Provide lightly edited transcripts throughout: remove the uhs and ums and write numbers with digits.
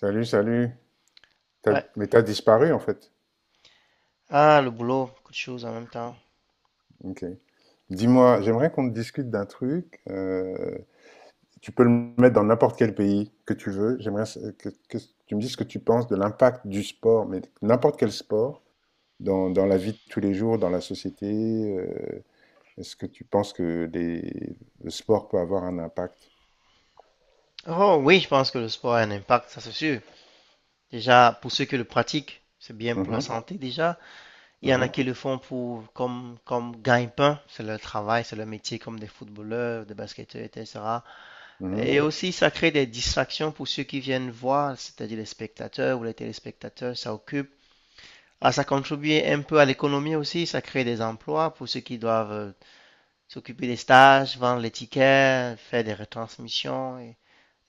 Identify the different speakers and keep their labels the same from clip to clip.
Speaker 1: Salut, salut.
Speaker 2: Ouais.
Speaker 1: Mais t'as disparu en fait.
Speaker 2: Ah, le boulot, beaucoup de choses en même temps.
Speaker 1: Ok. Dis-moi, j'aimerais qu'on discute d'un truc. Tu peux le mettre dans n'importe quel pays que tu veux. J'aimerais que tu me dises ce que tu penses de l'impact du sport, mais n'importe quel sport, dans la vie de tous les jours, dans la société. euh, Est-ce que tu penses que les- le sport peut avoir un impact?
Speaker 2: Oh oui, je pense que le sport a un impact, ça c'est sûr. Déjà, pour ceux qui le pratiquent, c'est bien pour la
Speaker 1: Mhm,
Speaker 2: santé déjà. Il y en a
Speaker 1: mhm,
Speaker 2: qui le font pour comme gagne-pain, c'est leur travail, c'est leur métier, comme des footballeurs, des basketteurs, etc.
Speaker 1: mhm.
Speaker 2: Et aussi, ça crée des distractions pour ceux qui viennent voir, c'est-à-dire les spectateurs ou les téléspectateurs, ça occupe. Ah, ça contribue un peu à l'économie aussi, ça crée des emplois pour ceux qui doivent s'occuper des stages, vendre les tickets, faire des retransmissions.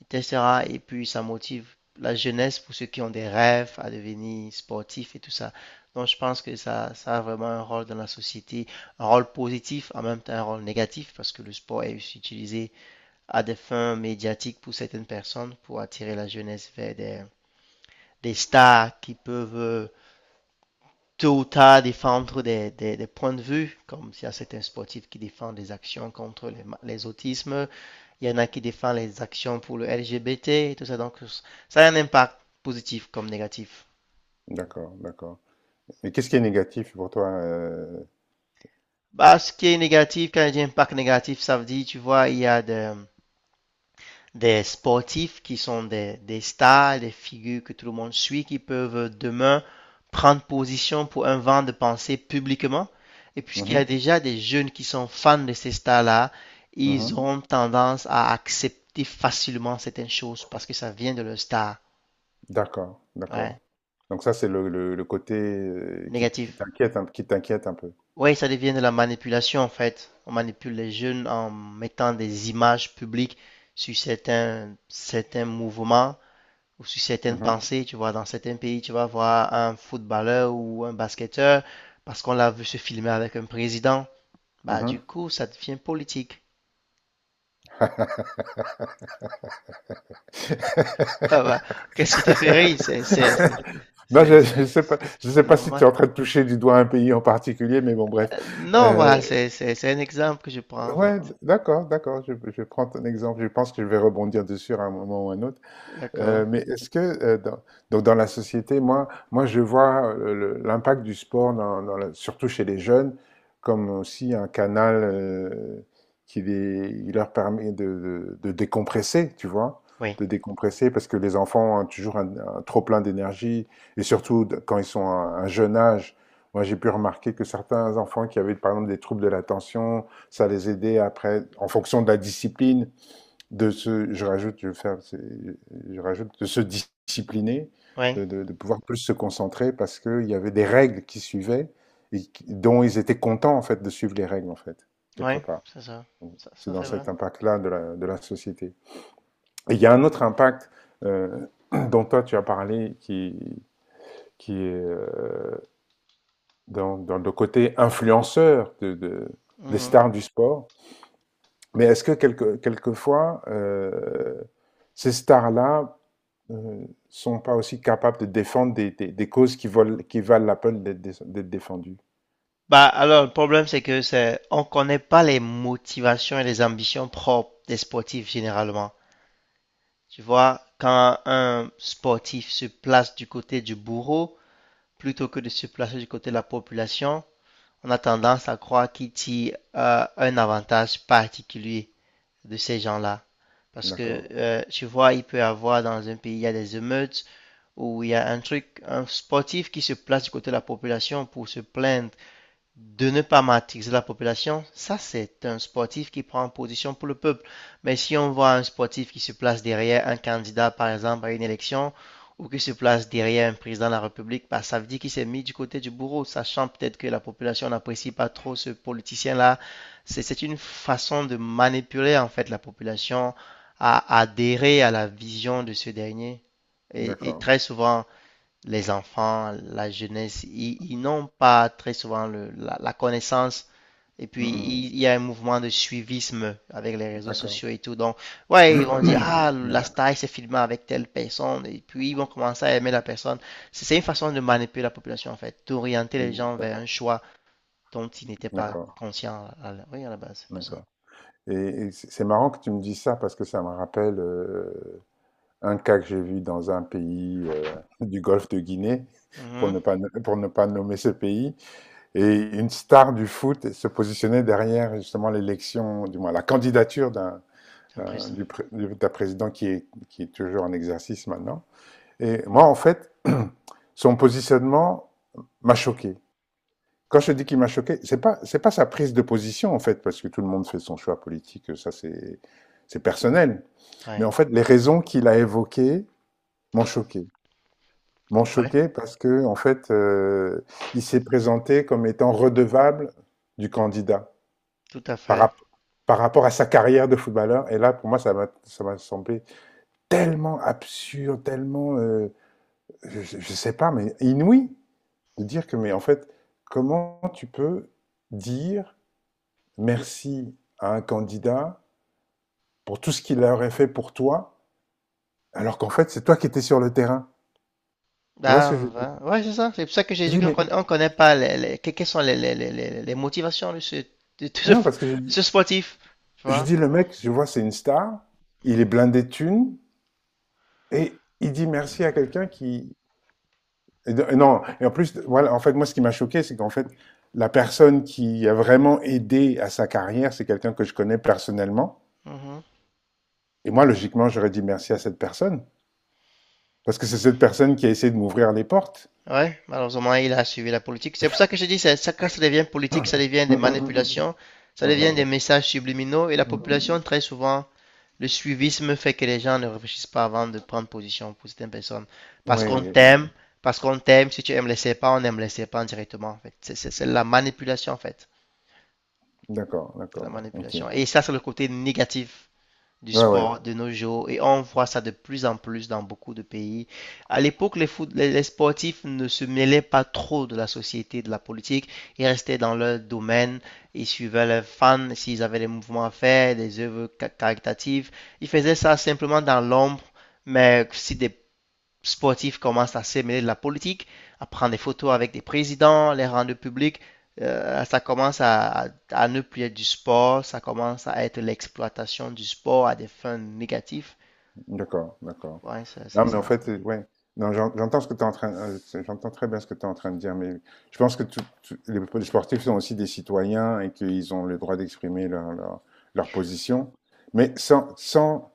Speaker 2: Etc. Et puis, ça motive la jeunesse pour ceux qui ont des rêves à devenir sportifs et tout ça. Donc, je pense que ça a vraiment un rôle dans la société, un rôle positif, en même temps un rôle négatif, parce que le sport est aussi utilisé à des fins médiatiques pour certaines personnes, pour attirer la jeunesse vers des stars qui peuvent tôt ou tard défendre des points de vue, comme il y a certains sportifs qui défendent des actions contre les autismes, il y en a qui défendent les actions pour le LGBT et tout ça. Donc, ça a un impact positif comme négatif.
Speaker 1: D'accord, d'accord. Mais qu'est-ce qui est négatif pour toi?
Speaker 2: Bah, ce qui est négatif, quand je dis impact négatif, ça veut dire, tu vois, il y a des sportifs qui sont des stars, des figures que tout le monde suit, qui peuvent demain prendre position pour un vent de pensée publiquement. Et puisqu'il y a
Speaker 1: Mhm,
Speaker 2: déjà des jeunes qui sont fans de ces stars-là, ils
Speaker 1: mhm.
Speaker 2: ont tendance à accepter facilement certaines choses parce que ça vient de leur star.
Speaker 1: D'accord, d'accord.
Speaker 2: Ouais.
Speaker 1: Donc ça, c'est le côté
Speaker 2: Négatif.
Speaker 1: qui t'inquiète un peu.
Speaker 2: Oui, ça devient de la manipulation en fait. On manipule les jeunes en mettant des images publiques sur certains mouvements, ou sur certaines
Speaker 1: Mhm,
Speaker 2: pensées, tu vois, dans certains pays, tu vas voir un footballeur ou un basketteur parce qu'on l'a vu se filmer avec un président. Bah,
Speaker 1: mhm.
Speaker 2: du coup, ça devient politique. Ah bah, qu'est-ce qui te fait rire?
Speaker 1: Non, je sais
Speaker 2: C'est
Speaker 1: pas si tu
Speaker 2: normal.
Speaker 1: es en train de toucher du doigt un pays en particulier, mais bon, bref.
Speaker 2: Non, voilà,
Speaker 1: Euh,
Speaker 2: c'est un exemple que je prends, en fait.
Speaker 1: ouais, d'accord, d'accord. Je prends ton exemple. Je pense que je vais rebondir dessus à un moment ou à un autre.
Speaker 2: D'accord.
Speaker 1: Mais est-ce que donc dans la société, moi je vois l'impact du sport, surtout chez les jeunes, comme aussi un canal qui leur permet de décompresser, tu vois,
Speaker 2: Oui,
Speaker 1: de décompresser, parce que les enfants ont toujours un trop-plein d'énergie, et surtout quand ils sont à un jeune âge. Moi, j'ai pu remarquer que certains enfants qui avaient, par exemple, des troubles de l'attention, ça les aidait après, en fonction de la discipline, de se, je rajoute, je vais faire, je rajoute, de se discipliner,
Speaker 2: oui,
Speaker 1: de pouvoir plus se concentrer parce qu'il y avait des règles qui suivaient dont ils étaient contents en fait de suivre les règles en fait, quelque
Speaker 2: oui,
Speaker 1: part.
Speaker 2: c'est ça.
Speaker 1: Donc,
Speaker 2: Ça,
Speaker 1: c'est
Speaker 2: ça,
Speaker 1: dans
Speaker 2: c'est vrai.
Speaker 1: cet impact-là de de la société. Et il y a un autre impact euh, dont toi tu as parlé qui est dans le côté influenceur des
Speaker 2: Mhm.
Speaker 1: stars du sport. Mais est-ce que quelquefois, ces stars-là ne sont pas aussi capables de défendre des causes qui valent la peine d'être défendues.
Speaker 2: Bah, alors, le problème, c'est que c'est, on connaît pas les motivations et les ambitions propres des sportifs, généralement. Tu vois, quand un sportif se place du côté du bourreau, plutôt que de se placer du côté de la population, on a tendance à croire qu'il tire un avantage particulier de ces gens-là. Parce que,
Speaker 1: D'accord,
Speaker 2: tu vois, il peut y avoir dans un pays, il y a des émeutes, où il y a un truc, un sportif qui se place du côté de la population pour se plaindre de ne pas matrixer la population, ça c'est un sportif qui prend position pour le peuple. Mais si on voit un sportif qui se place derrière un candidat, par exemple, à une élection, ou qui se place derrière un président de la République, bah, ça veut dire qu'il s'est mis du côté du bourreau, sachant peut-être que la population n'apprécie pas trop ce politicien-là. C'est une façon de manipuler en fait la population à adhérer à la vision de ce dernier. Et
Speaker 1: d'accord,
Speaker 2: très souvent, les enfants, la jeunesse, ils n'ont pas très souvent la connaissance. Et
Speaker 1: Mm,
Speaker 2: puis,
Speaker 1: mm,
Speaker 2: il y a un mouvement de suivisme avec les réseaux
Speaker 1: d'accord,
Speaker 2: sociaux et tout. Donc, ouais, ils vont dire, ah, la
Speaker 1: d'accord,
Speaker 2: star, il s'est filmé avec telle personne. Et puis, ils vont commencer à aimer la personne. C'est une façon de manipuler la population, en fait, d'orienter les gens
Speaker 1: d'ac-
Speaker 2: vers un choix dont ils n'étaient pas
Speaker 1: d'accord,
Speaker 2: conscients à la, oui, à la base. C'est un peu ça.
Speaker 1: d'accord. Et, et c'est marrant que tu me dises ça parce que ça me rappelle un cas que j'ai vu dans un pays du Golfe de Guinée, pour
Speaker 2: Mhm.
Speaker 1: ne pas, no, pour ne pas nommer ce pays, et une star du foot se positionnait derrière justement l'élection, du moins la candidature d'un
Speaker 2: C'est un
Speaker 1: euh,
Speaker 2: présent.
Speaker 1: du, d'un président qui est toujours en exercice maintenant. Et moi, en fait, son positionnement m'a choqué. Quand je dis qu'il m'a choqué, c'est pas sa prise de position en fait, parce que tout le monde fait son choix politique, ça c'est personnel. Mais
Speaker 2: Ouais,
Speaker 1: en fait, les raisons qu'il a évoquées m'ont choqué, m'ont
Speaker 2: ouais,
Speaker 1: choqué parce que en fait, il s'est présenté comme étant redevable du candidat
Speaker 2: tout à
Speaker 1: par
Speaker 2: fait.
Speaker 1: rapport par rapport à sa carrière de footballeur. Et là, pour moi, ça m'a semblé tellement absurde, tellement, je sais pas, mais inouï de dire que, mais en fait, comment tu peux dire merci à un candidat pour tout ce qu'il aurait fait pour toi, alors qu'en fait, c'est toi qui étais sur le terrain. Tu vois
Speaker 2: Ah,
Speaker 1: ce que
Speaker 2: ouais, c'est ça. C'est pour ça que j'ai
Speaker 1: je
Speaker 2: dit
Speaker 1: dis.
Speaker 2: qu'on
Speaker 1: Mais
Speaker 2: conna- on connaît pas quelles sont les motivations de
Speaker 1: non,
Speaker 2: ce sportif. Tu
Speaker 1: je
Speaker 2: vois?
Speaker 1: dis le mec, je vois, c'est une star, il est blindé de thunes, et il dit merci à quelqu'un qui, non, et en plus, voilà, en fait, moi, ce qui m'a choqué, c'est qu'en fait, la personne qui a vraiment aidé à sa carrière, c'est quelqu'un que je connais personnellement.
Speaker 2: Mhm.
Speaker 1: Et moi, logiquement, j'aurais dit merci à cette personne. Parce que c'est cette personne qui a essayé de m'ouvrir les portes.
Speaker 2: Ouais, malheureusement, il a suivi la politique. C'est pour ça que je dis, ça, quand ça devient politique, ça devient des manipulations, ça devient des messages subliminaux et la population, très souvent, le suivisme fait que les gens ne réfléchissent pas avant de prendre position pour certaines personnes.
Speaker 1: Oui,
Speaker 2: Parce qu'on t'aime, parce qu'on t'aime, si tu aimes les serpents, on aime les serpents directement, en fait. C'est la manipulation, en fait.
Speaker 1: d'accord,
Speaker 2: La
Speaker 1: d'accord. Ok.
Speaker 2: manipulation. Et ça, c'est le côté négatif du
Speaker 1: Ouais, ouais,
Speaker 2: sport de nos jours. Et on voit ça de plus en plus dans beaucoup de pays. À l'époque, les sportifs ne se mêlaient pas trop de la société, de la politique. Ils restaient dans leur domaine. Ils suivaient leurs fans s'ils avaient des mouvements à faire, des œuvres caritatives. Ils faisaient ça simplement dans l'ombre. Mais si des sportifs commencent à se mêler de la politique, à prendre des photos avec des présidents, les rendre publics. Ça commence ne plus être du sport, ça commence à être l'exploitation du sport à des fins négatives.
Speaker 1: d'accord, d'accord.
Speaker 2: Ouais, c'est
Speaker 1: Non,
Speaker 2: c'est
Speaker 1: mais en
Speaker 2: ça.
Speaker 1: fait, ouais. Non, j'entends ce que tu es en train, j'entends très bien ce que tu es en train de dire, mais je pense que les sportifs sont aussi des citoyens et qu'ils ont le droit d'exprimer leur position. Mais sans, sans,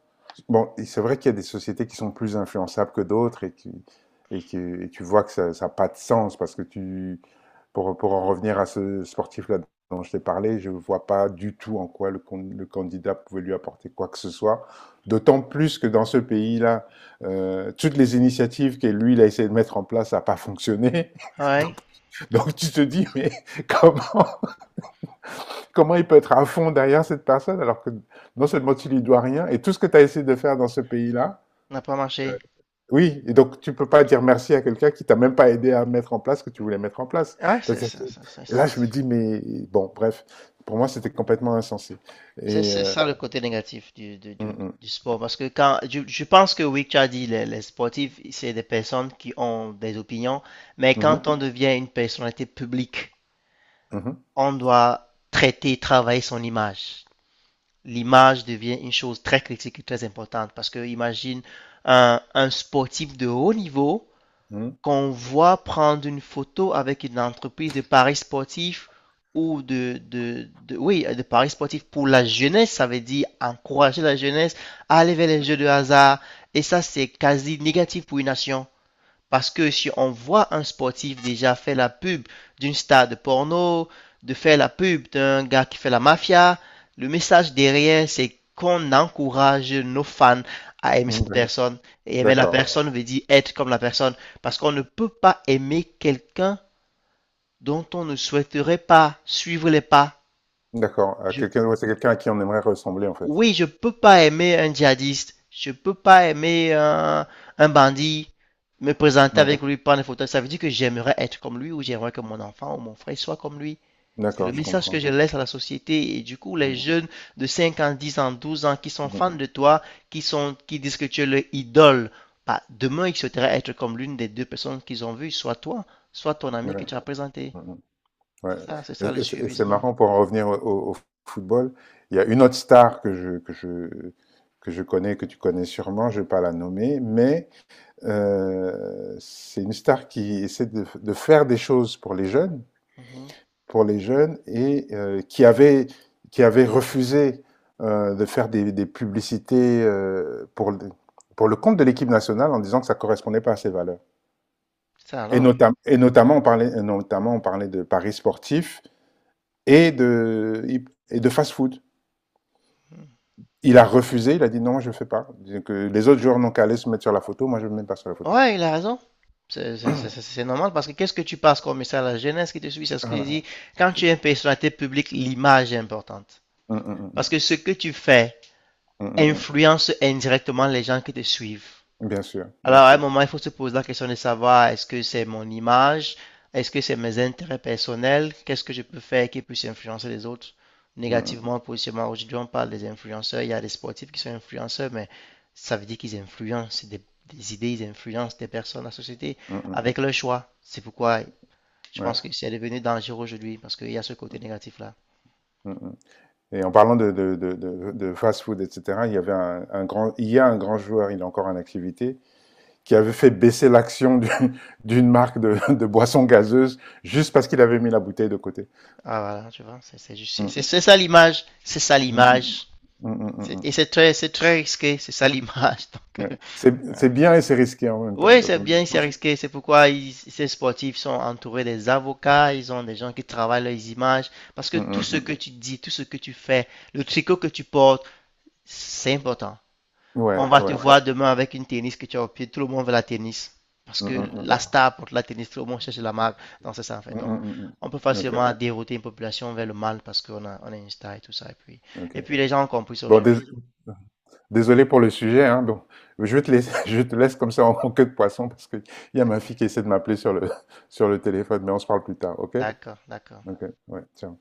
Speaker 1: bon, et c'est vrai qu'il y a des sociétés qui sont plus influençables que d'autres et tu vois que ça n'a pas de sens parce que tu, pour en revenir à ce sportif-là dont je t'ai parlé, je ne vois pas du tout en quoi le candidat pouvait lui apporter quoi que ce soit. D'autant plus que dans ce pays-là, toutes les initiatives que lui, il a essayé de mettre en place, ça n'a pas fonctionné.
Speaker 2: Ouais,
Speaker 1: Donc, donc tu te dis, mais comment, comment il peut être à fond derrière cette personne alors que non seulement tu lui dois rien et tout ce que tu as essayé de faire dans ce pays-là,
Speaker 2: n'a pas
Speaker 1: euh,
Speaker 2: marché.
Speaker 1: oui, et donc tu peux pas dire merci à quelqu'un qui t'a même pas aidé à mettre en place ce que tu voulais mettre en place.
Speaker 2: Ouais, c'est
Speaker 1: C'est-à-dire que-
Speaker 2: ça. ça, ça,
Speaker 1: Et là,
Speaker 2: ça,
Speaker 1: je
Speaker 2: ça.
Speaker 1: me dis, mais bon, bref, pour moi, c'était complètement insensé.
Speaker 2: C'est
Speaker 1: Et
Speaker 2: c'est ça le côté négatif
Speaker 1: mm, mm,
Speaker 2: du sport. Parce que quand pense que oui, tu as dit, les sportifs, c'est des personnes qui ont des opinions. Mais quand
Speaker 1: mhm,
Speaker 2: on devient une personnalité publique,
Speaker 1: mhm,
Speaker 2: on doit traiter, travailler son image. L'image devient une chose très critique et très importante parce que imagine un sportif de haut niveau
Speaker 1: mhm,
Speaker 2: qu'on voit prendre une photo avec une entreprise de paris sportifs ou oui, de paris sportifs pour la jeunesse, ça veut dire encourager la jeunesse à aller vers les jeux de hasard. Et ça, c'est quasi négatif pour une nation. Parce que si on voit un sportif déjà faire la pub d'une star de porno, de faire la pub d'un gars qui fait la mafia, le message derrière, c'est qu'on encourage nos fans à aimer
Speaker 1: mhm,
Speaker 2: cette personne. Et aimer la
Speaker 1: d'accord,
Speaker 2: personne veut dire être comme la personne. Parce qu'on ne peut pas aimer quelqu'un dont on ne souhaiterait pas suivre les pas.
Speaker 1: d'accord.
Speaker 2: Je
Speaker 1: Quelqu'un, ouais, c'est quelqu'un à qui on aimerait ressembler, en fait.
Speaker 2: Oui, je peux pas aimer un djihadiste, je peux pas aimer un bandit, me présenter
Speaker 1: Ouais,
Speaker 2: avec lui, prendre des photos. Ça veut dire que j'aimerais être comme lui ou j'aimerais que mon enfant ou mon frère soit comme lui. C'est le
Speaker 1: d'accord, je
Speaker 2: message que
Speaker 1: comprends.
Speaker 2: je laisse à la société. Et du coup, les
Speaker 1: Mm,
Speaker 2: jeunes de 5 ans, 10 ans, 12 ans qui sont
Speaker 1: mm,
Speaker 2: fans de toi, qui disent que tu es leur idole, bah, demain, ils souhaiteraient être comme l'une des deux personnes qu'ils ont vues, soit toi, soit ton ami que
Speaker 1: ouais,
Speaker 2: tu as présenté.
Speaker 1: mm, mm, ouais.
Speaker 2: C'est ça le
Speaker 1: Et c'est
Speaker 2: suivisme.
Speaker 1: marrant pour en revenir au football. Il y a une autre star que je connais, que tu connais sûrement. Je ne vais pas la nommer, mais c'est une star qui essaie de faire des choses
Speaker 2: Mhm.
Speaker 1: pour les jeunes, et qui avait refusé de faire des publicités pour le compte de l'équipe nationale en disant que ça correspondait pas à ses valeurs.
Speaker 2: Ça
Speaker 1: Et,
Speaker 2: alors.
Speaker 1: notam et notamment on parlait et notamment on parlait de paris sportifs et de et de fast-food. Il a refusé, il a dit non, moi je ne fais pas. Que les autres joueurs n'ont qu'à aller se mettre sur la photo, moi je ne me mets pas sur la photo.
Speaker 2: Ouais, il a raison. C'est normal parce que qu'est-ce que tu passes comme message à la jeunesse qui te suit? C'est ce que j'ai
Speaker 1: Voilà.
Speaker 2: dit. Quand tu es une personnalité publique, l'image est importante.
Speaker 1: Mmh,
Speaker 2: Parce que ce que tu fais
Speaker 1: mmh, mmh,
Speaker 2: influence indirectement les gens qui te suivent.
Speaker 1: bien sûr, bien
Speaker 2: Alors, à un
Speaker 1: sûr.
Speaker 2: moment, il faut se poser la question de savoir est-ce que c'est mon image, est-ce que c'est mes intérêts personnels, qu'est-ce que je peux faire qui puisse influencer les autres
Speaker 1: Mmh mh.
Speaker 2: négativement, positivement. Aujourd'hui, on parle des influenceurs, il y a des sportifs qui sont influenceurs, mais ça veut dire qu'ils influencent des idées, ils influencent des personnes, la société,
Speaker 1: Mmh mh.
Speaker 2: avec leur choix. C'est pourquoi je
Speaker 1: Ouais.
Speaker 2: pense que c'est devenu dangereux aujourd'hui, parce qu'il y a ce côté négatif-là.
Speaker 1: Mmh mh, et en parlant de fast-food et cetera, il y avait un grand il y a un grand joueur, il est encore en activité, qui avait fait baisser l'action d'une d'une marque de boissons gazeuses juste parce qu'il avait mis la bouteille de côté.
Speaker 2: Ah, voilà, tu vois, c'est juste,
Speaker 1: Mmh.
Speaker 2: c'est ça l'image, c'est ça
Speaker 1: Mmh mh.
Speaker 2: l'image.
Speaker 1: Mmh mh. Mmh mmh.
Speaker 2: Et c'est très risqué, c'est ça l'image. Donc,
Speaker 1: Ouais.
Speaker 2: euh,
Speaker 1: C'est bien et c'est risqué en même temps.
Speaker 2: Oui,
Speaker 1: Donc,
Speaker 2: c'est
Speaker 1: oui.
Speaker 2: bien, c'est risqué. C'est pourquoi ces sportifs sont entourés des avocats, ils ont des gens qui travaillent leurs images, parce que tout
Speaker 1: Mmh
Speaker 2: ce
Speaker 1: mh.
Speaker 2: que tu dis, tout ce que tu fais, le tricot que tu portes, c'est important.
Speaker 1: Ouais,
Speaker 2: On va te
Speaker 1: ouais.
Speaker 2: voir demain avec une tennis que tu as au pied, tout le monde veut la tennis, parce
Speaker 1: Mmh
Speaker 2: que
Speaker 1: mh. Mmh
Speaker 2: la
Speaker 1: mh.
Speaker 2: star porte la tennis, tout le monde cherche la marque, donc c'est ça en fait.
Speaker 1: Mmh
Speaker 2: Donc,
Speaker 1: mh. Mmh
Speaker 2: on peut
Speaker 1: mmh. OK,
Speaker 2: facilement dérouter une population vers le mal parce qu'on a une star et tout ça. Et puis, et
Speaker 1: OK.
Speaker 2: puis les gens ont compris ça
Speaker 1: Bon dés
Speaker 2: aujourd'hui.
Speaker 1: Désolé pour le sujet, hein, bon, je te laisse, je te laisse comme ça en queue de poisson parce qu'il y a ma
Speaker 2: D'ac-
Speaker 1: fille qui essaie de m'appeler sur le, sur le téléphone, mais on se parle plus tard, ok?
Speaker 2: D'accord, d'accord.
Speaker 1: Ok, ouais, tiens.